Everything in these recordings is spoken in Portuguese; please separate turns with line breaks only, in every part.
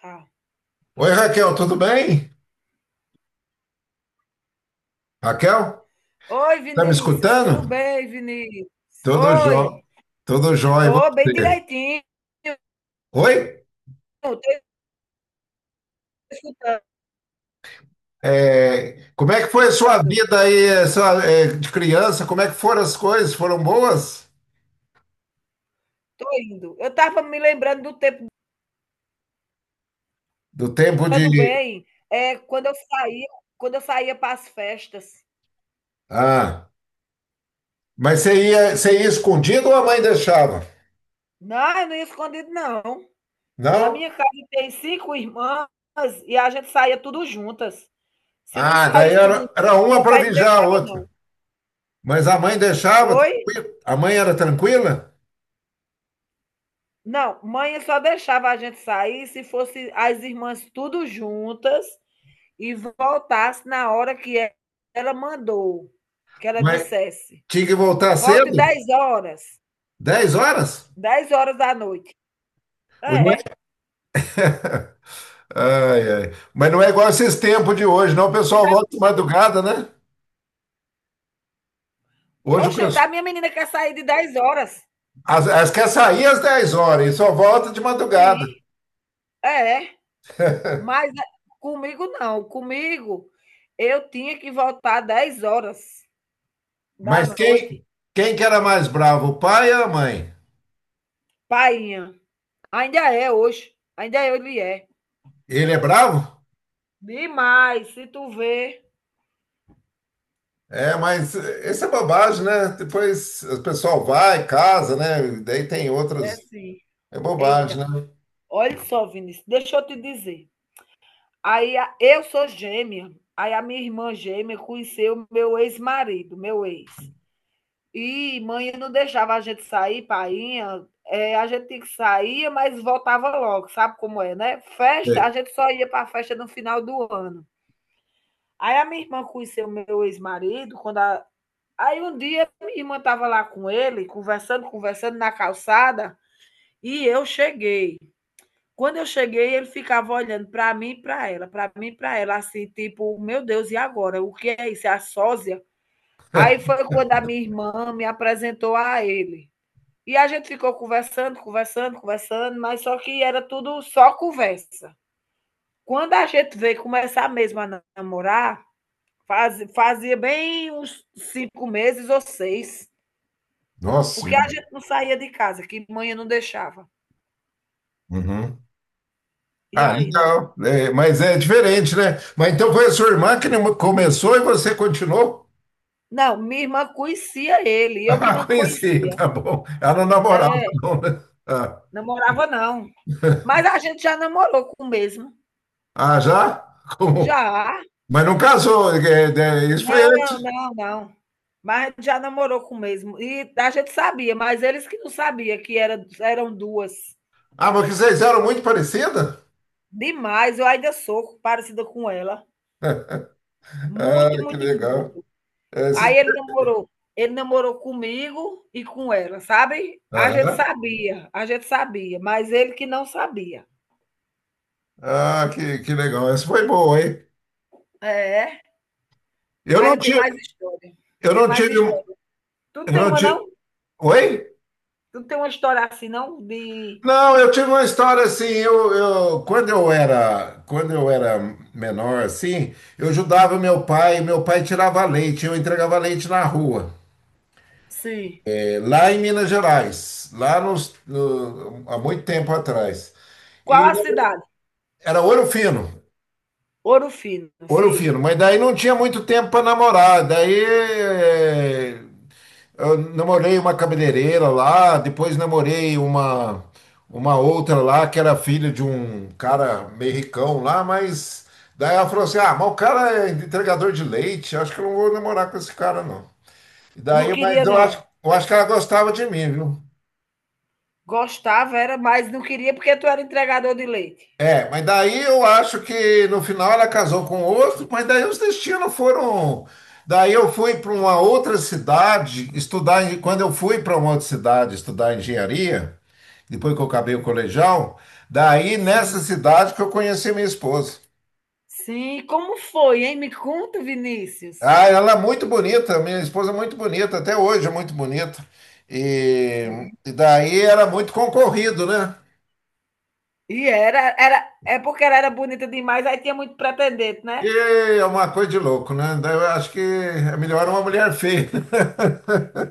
Tá.
Oi, Raquel, tudo bem? Raquel,
Oi,
tá me
Vinícius, tudo
escutando?
bem, Vinícius?
Tudo jó,
Oi,
tudo jóia, e
tô bem
você?
direitinho,
Oi?
tô escutando,
É, como é que foi a sua vida aí, essa, de criança? Como é que foram as coisas? Foram boas?
tô indo. Eu tava me lembrando do tempo
Do tempo
do
de.
bem, é quando eu saía para as festas.
Ah, mas você ia escondido ou a mãe deixava?
Não, eu não ia escondido não. Na
Não?
minha casa tem 5 irmãs e a gente saía tudo juntas. Se não
Ah, daí
saísse tudo junto,
era uma
meu
para
pai não
vigiar a
deixava não.
outra. Mas a mãe deixava,
Oi?
tranquila? A mãe era tranquila?
Não, mãe só deixava a gente sair se fosse as irmãs tudo juntas e voltasse na hora que ela mandou, que ela
Mas
dissesse.
tinha que voltar
Volte
cedo?
10 horas,
10h?
10 horas da noite.
O-
É,
Ai, ai. Mas não é igual esses tempos de hoje, não. O pessoal
cidade
volta de
pequena.
madrugada, né? Hoje o
Oxe, tá,
pessoal.
minha menina quer sair de 10 horas.
As quer sair às 10h e só volta de madrugada.
Sim, é, é. Mas é, comigo não, comigo eu tinha que voltar 10 horas da
Mas quem,
noite.
quem que era mais bravo, o pai ou a mãe?
Painha, ainda é hoje, ainda é, ele é.
Ele é bravo?
Demais, se tu vê,
É, mas isso é bobagem, né? Depois o pessoal vai, casa, né? Daí tem
é
outros.
sim.
É bobagem,
Eita,
né?
olha só, Vinícius, deixa eu te dizer. Aí eu sou gêmea. Aí a minha irmã gêmea conheceu meu ex-marido, meu ex. E mãe não deixava a gente sair, painha. A gente tinha que sair, mas voltava logo, sabe como é, né? Festa, a
É.
gente só ia para a festa no final do ano. Aí a minha irmã conheceu meu ex-marido, aí um dia minha irmã estava lá com ele, conversando, conversando na calçada, e eu cheguei. Quando eu cheguei, ele ficava olhando para mim e para ela, para mim e para ela, assim, tipo, meu Deus, e agora? O que é isso? É a sósia? Aí foi quando a minha irmã me apresentou a ele. E a gente ficou conversando, conversando, conversando, mas só que era tudo só conversa. Quando a gente veio começar mesmo a namorar, fazia bem uns 5 meses ou 6,
Nossa
porque a
Senhora.
gente não saía de casa, que mãe não deixava.
Uhum.
E
Ah,
aí, né?
legal. É, mas é diferente, né? Mas então foi a sua irmã que começou e você continuou?
Não, minha irmã conhecia ele, eu que
Ah,
não
conheci,
conhecia.
tá bom. Ela não namorava,
É,
não, né? Ah,
namorava não. Mas a gente já namorou com o mesmo.
ah, já? Como?
Já.
Mas não casou, isso foi
Não,
antes.
não, não. Mas já namorou com o mesmo. E a gente sabia, mas eles que não sabiam que era, eram duas.
Ah, mas que vocês eram muito parecidas?
Demais, eu ainda sou parecida com ela.
Ah,
Muito,
que
muito,
legal.
muito.
É.
Aí ele namorou. Ele namorou comigo e com ela, sabe?
Aham.
A gente sabia, mas ele que não sabia.
Ah, que legal. Essa foi boa, hein?
É.
Eu
Ah,
não
eu tenho mais
tive,
história.
eu
Tem
não
mais
tive, um-
história. Tu não
eu
tem
não
uma, não?
tive. Oi?
Tu não tem uma história assim, não? De.
Não, eu tive uma história assim. Quando eu era menor, assim, eu ajudava meu pai. Meu pai tirava leite, eu entregava leite na rua,
Sim.
lá em Minas Gerais, lá nos, no- há muito tempo atrás.
Qual
E
a cidade?
era Ouro Fino,
Ouro Fino,
Ouro
sim.
Fino, mas daí não tinha muito tempo para namorar. Daí eu namorei uma cabeleireira lá, depois namorei uma outra lá que era filha de um cara meio ricão lá, mas daí ela falou assim: ah, mas o cara é entregador de leite, acho que eu não vou namorar com esse cara não. E
Não
daí, mas
queria,
eu acho,
não.
eu acho que ela gostava de mim, viu?
Gostava, era, mas não queria porque tu era entregador de leite.
É, mas daí eu acho que no final ela casou com outro, mas daí os destinos foram. Daí eu fui para uma outra cidade estudar. Quando eu fui para uma outra cidade estudar engenharia, depois que eu acabei o colegial, daí nessa
Sim.
cidade que eu conheci minha esposa.
Sim, como foi, hein? Me conta, Vinícius.
Ah, ela é muito bonita, minha esposa é muito bonita, até hoje é muito bonita. E,
Sim.
e daí era muito concorrido, né?
E era, era, é porque ela era bonita demais, aí tinha muito pretendente, né?
E é uma coisa de louco, né? Daí eu acho que é melhor uma mulher feia, né?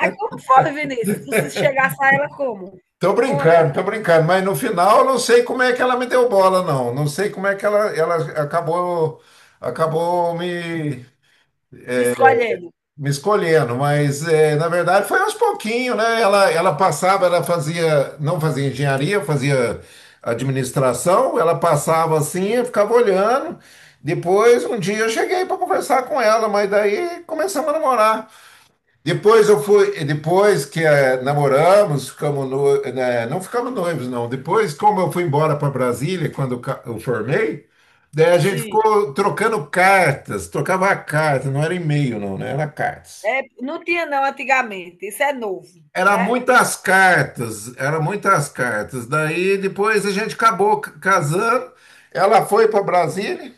Aí como foi, Vinícius? Tu se chegasse a ela como? Conta.
Tô brincando, mas no final eu não sei como é que ela me deu bola, não. Não sei como é que ela acabou, acabou me,
Te escolhendo.
me escolhendo, mas é, na verdade foi aos pouquinhos, né? Ela passava, ela fazia, não fazia engenharia, fazia administração, ela passava assim, eu ficava olhando. Depois, um dia eu cheguei para conversar com ela, mas daí começamos a namorar. Depois eu fui, depois que namoramos, ficamos no, né, não ficamos noivos, não. Depois, como eu fui embora para Brasília, quando eu formei, daí a gente
Sim.
ficou trocando cartas, trocava cartas, não era e-mail, não, né? Era cartas.
É, não tinha, não, antigamente. Isso é novo,
Era
né?
muitas cartas, era muitas cartas. Daí depois a gente acabou casando. Ela foi para Brasília.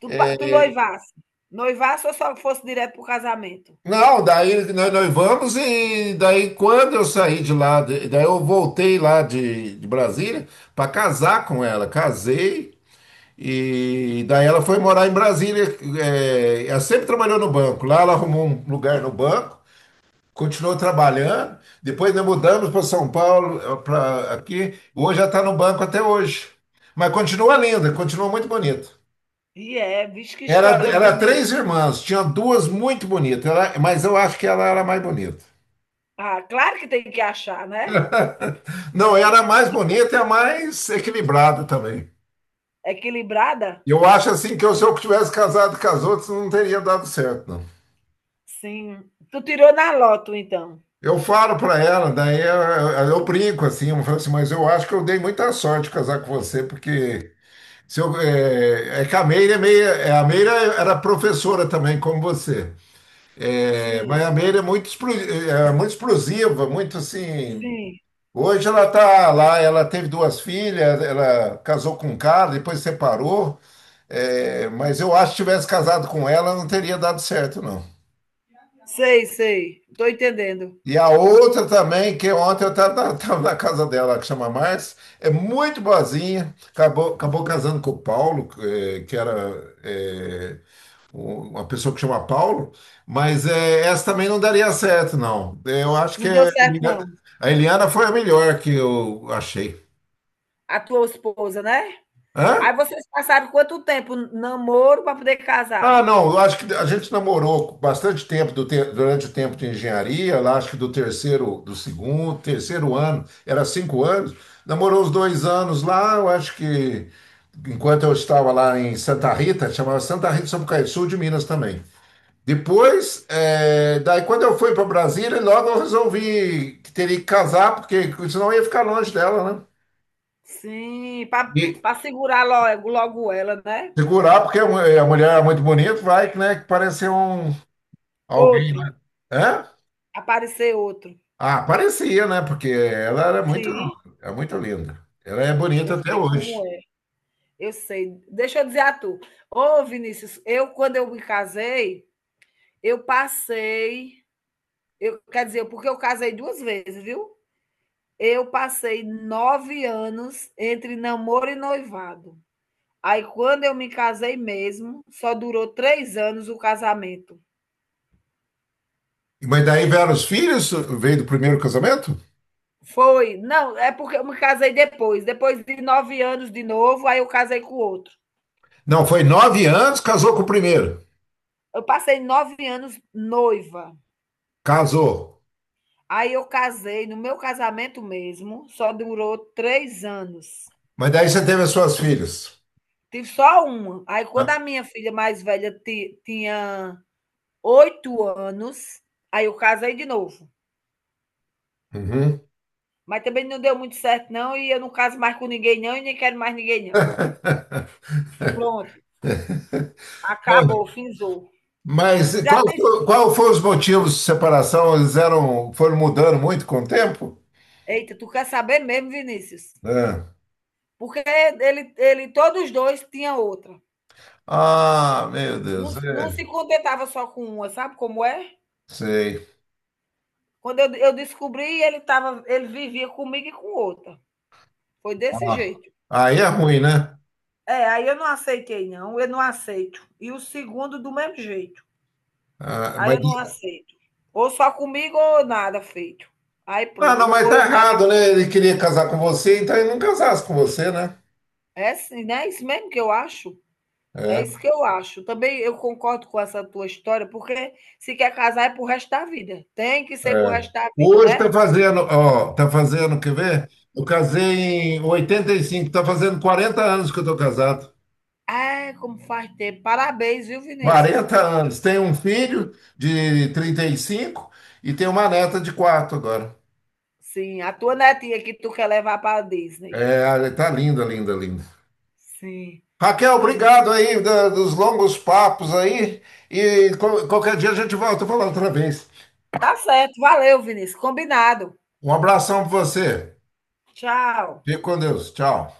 Tu, tu noivasse. Noivasse ou só fosse direto pro casamento?
Não, daí nós vamos e daí quando eu saí de lá, daí eu voltei lá de Brasília para casar com ela. Casei e daí ela foi morar em Brasília. É, ela sempre trabalhou no banco. Lá ela arrumou um lugar no banco, continuou trabalhando. Depois nós mudamos para São Paulo, para aqui. Hoje ela está no banco até hoje. Mas continua linda, continua muito bonita.
E é, vixe, que
Era,
história
era três
bonita.
irmãs, tinha duas muito bonitas, mas eu acho que ela era a mais bonita.
Ah, claro que tem que achar, né?
Não, era a mais bonita e a mais equilibrada também.
Equilibrada?
Eu acho assim que se eu tivesse casado com as outras, não teria dado certo, não.
Sim. Tu tirou na loto, então.
Eu falo para ela, daí eu brinco assim, eu falo assim, mas eu acho que eu dei muita sorte de casar com você, porque se eu, é, é que a Meira é meio, a Meira era professora também, como você. É, mas
Sim,
a Meira é muito explosiva, muito assim.
sim.
Hoje ela tá lá, ela teve duas filhas, ela casou com um cara, depois separou. É, mas eu acho que se tivesse casado com ela, não teria dado certo, não.
Sei, sei. Tô entendendo.
E a outra também, que ontem eu estava na casa dela, que chama Márcia, é muito boazinha, acabou casando com o Paulo, que era uma pessoa que chama Paulo, mas essa também não daria certo, não. Eu acho que
Não deu
a
certo,
Eliana
não.
a Eliana foi a melhor que eu achei.
A tua esposa, né? Aí
Hã?
vocês passaram quanto tempo namoro para poder casar?
Ah, não, eu acho que a gente namorou bastante tempo durante o tempo de engenharia, lá acho que do terceiro, do segundo, terceiro ano, era 5 anos, namorou uns 2 anos lá, eu acho que enquanto eu estava lá em Santa Rita, chamava Santa Rita de Sapucaí, sul de Minas também. Depois, daí quando eu fui para Brasília, logo eu resolvi que teria que casar, porque senão eu ia ficar longe dela, né?
Sim,
E
para segurar logo logo ela, né.
segurar, porque a mulher é muito bonita, vai, né, que parece um alguém,
Outro,
né? Hã?
aparecer outro.
Ah, parecia, né? Porque ela era muito,
Sim,
é muito linda. Ela é bonita
eu
até
sei como
hoje.
é, eu sei. Deixa eu dizer a tu, ô Vinícius, eu quando eu me casei, eu passei eu quer dizer, porque eu casei 2 vezes, viu. Eu passei 9 anos entre namoro e noivado. Aí quando eu me casei mesmo, só durou 3 anos o casamento.
Mas daí vieram os filhos, veio do primeiro casamento?
Foi, não, é porque eu me casei depois, depois de 9 anos de novo, aí eu casei com outro.
Não, foi 9 anos, casou com o primeiro.
Eu passei nove anos noiva,
Casou.
aí eu casei no meu casamento mesmo, só durou 3 anos.
Mas daí você teve as suas filhas.
Tive só uma. Aí quando
Ah,
a minha filha mais velha tinha 8 anos, aí eu casei de novo.
uhum.
Mas também não deu muito certo, não, e eu não caso mais com ninguém, não, e nem quero mais ninguém, não. Pronto, acabou, finzou.
Mas
Já tem.
qual foi os motivos de separação? Eles eram, foram mudando muito com o tempo?
Eita, tu quer saber mesmo, Vinícius?
É.
Porque ele, todos os dois tinham outra.
Ah, meu
Não,
Deus,
não
é,
se contentava só com uma, sabe como é?
sei.
Quando eu descobri, ele vivia comigo e com outra. Foi desse jeito.
Ah, aí é ruim, né?
É, aí eu não aceitei, não. Eu não aceito. E o segundo, do mesmo jeito.
Ah,
Aí
mas.
eu não aceito. Ou só comigo ou nada feito. Aí
Ah,
pronto,
não,
não
mas
foi
tá
nada.
errado, né? Ele queria casar com você, então ele não casasse com você, né?
É assim, né? É isso mesmo que eu acho. É
É,
isso que eu acho. Também eu concordo com essa tua história, porque se quer casar é pro resto da vida. Tem que ser pro
é.
resto da vida,
Hoje
né?
tá fazendo, ó, tá fazendo, quer ver? Eu casei em 85. Tá fazendo 40 anos que eu tô casado.
É, como faz tempo. Parabéns, viu, Vinícius?
40 anos. Tenho um filho de 35 e tenho uma neta de 4 agora.
Sim, a tua netinha que tu quer levar para Disney.
É, tá linda, linda, linda.
Sim.
Raquel,
Ah,
obrigado aí dos longos papos aí. E qualquer dia a gente volta a falar outra vez.
tá certo. Valeu, Vinícius. Combinado.
Um abração pra você.
Tchau.
Fique com Deus. Tchau.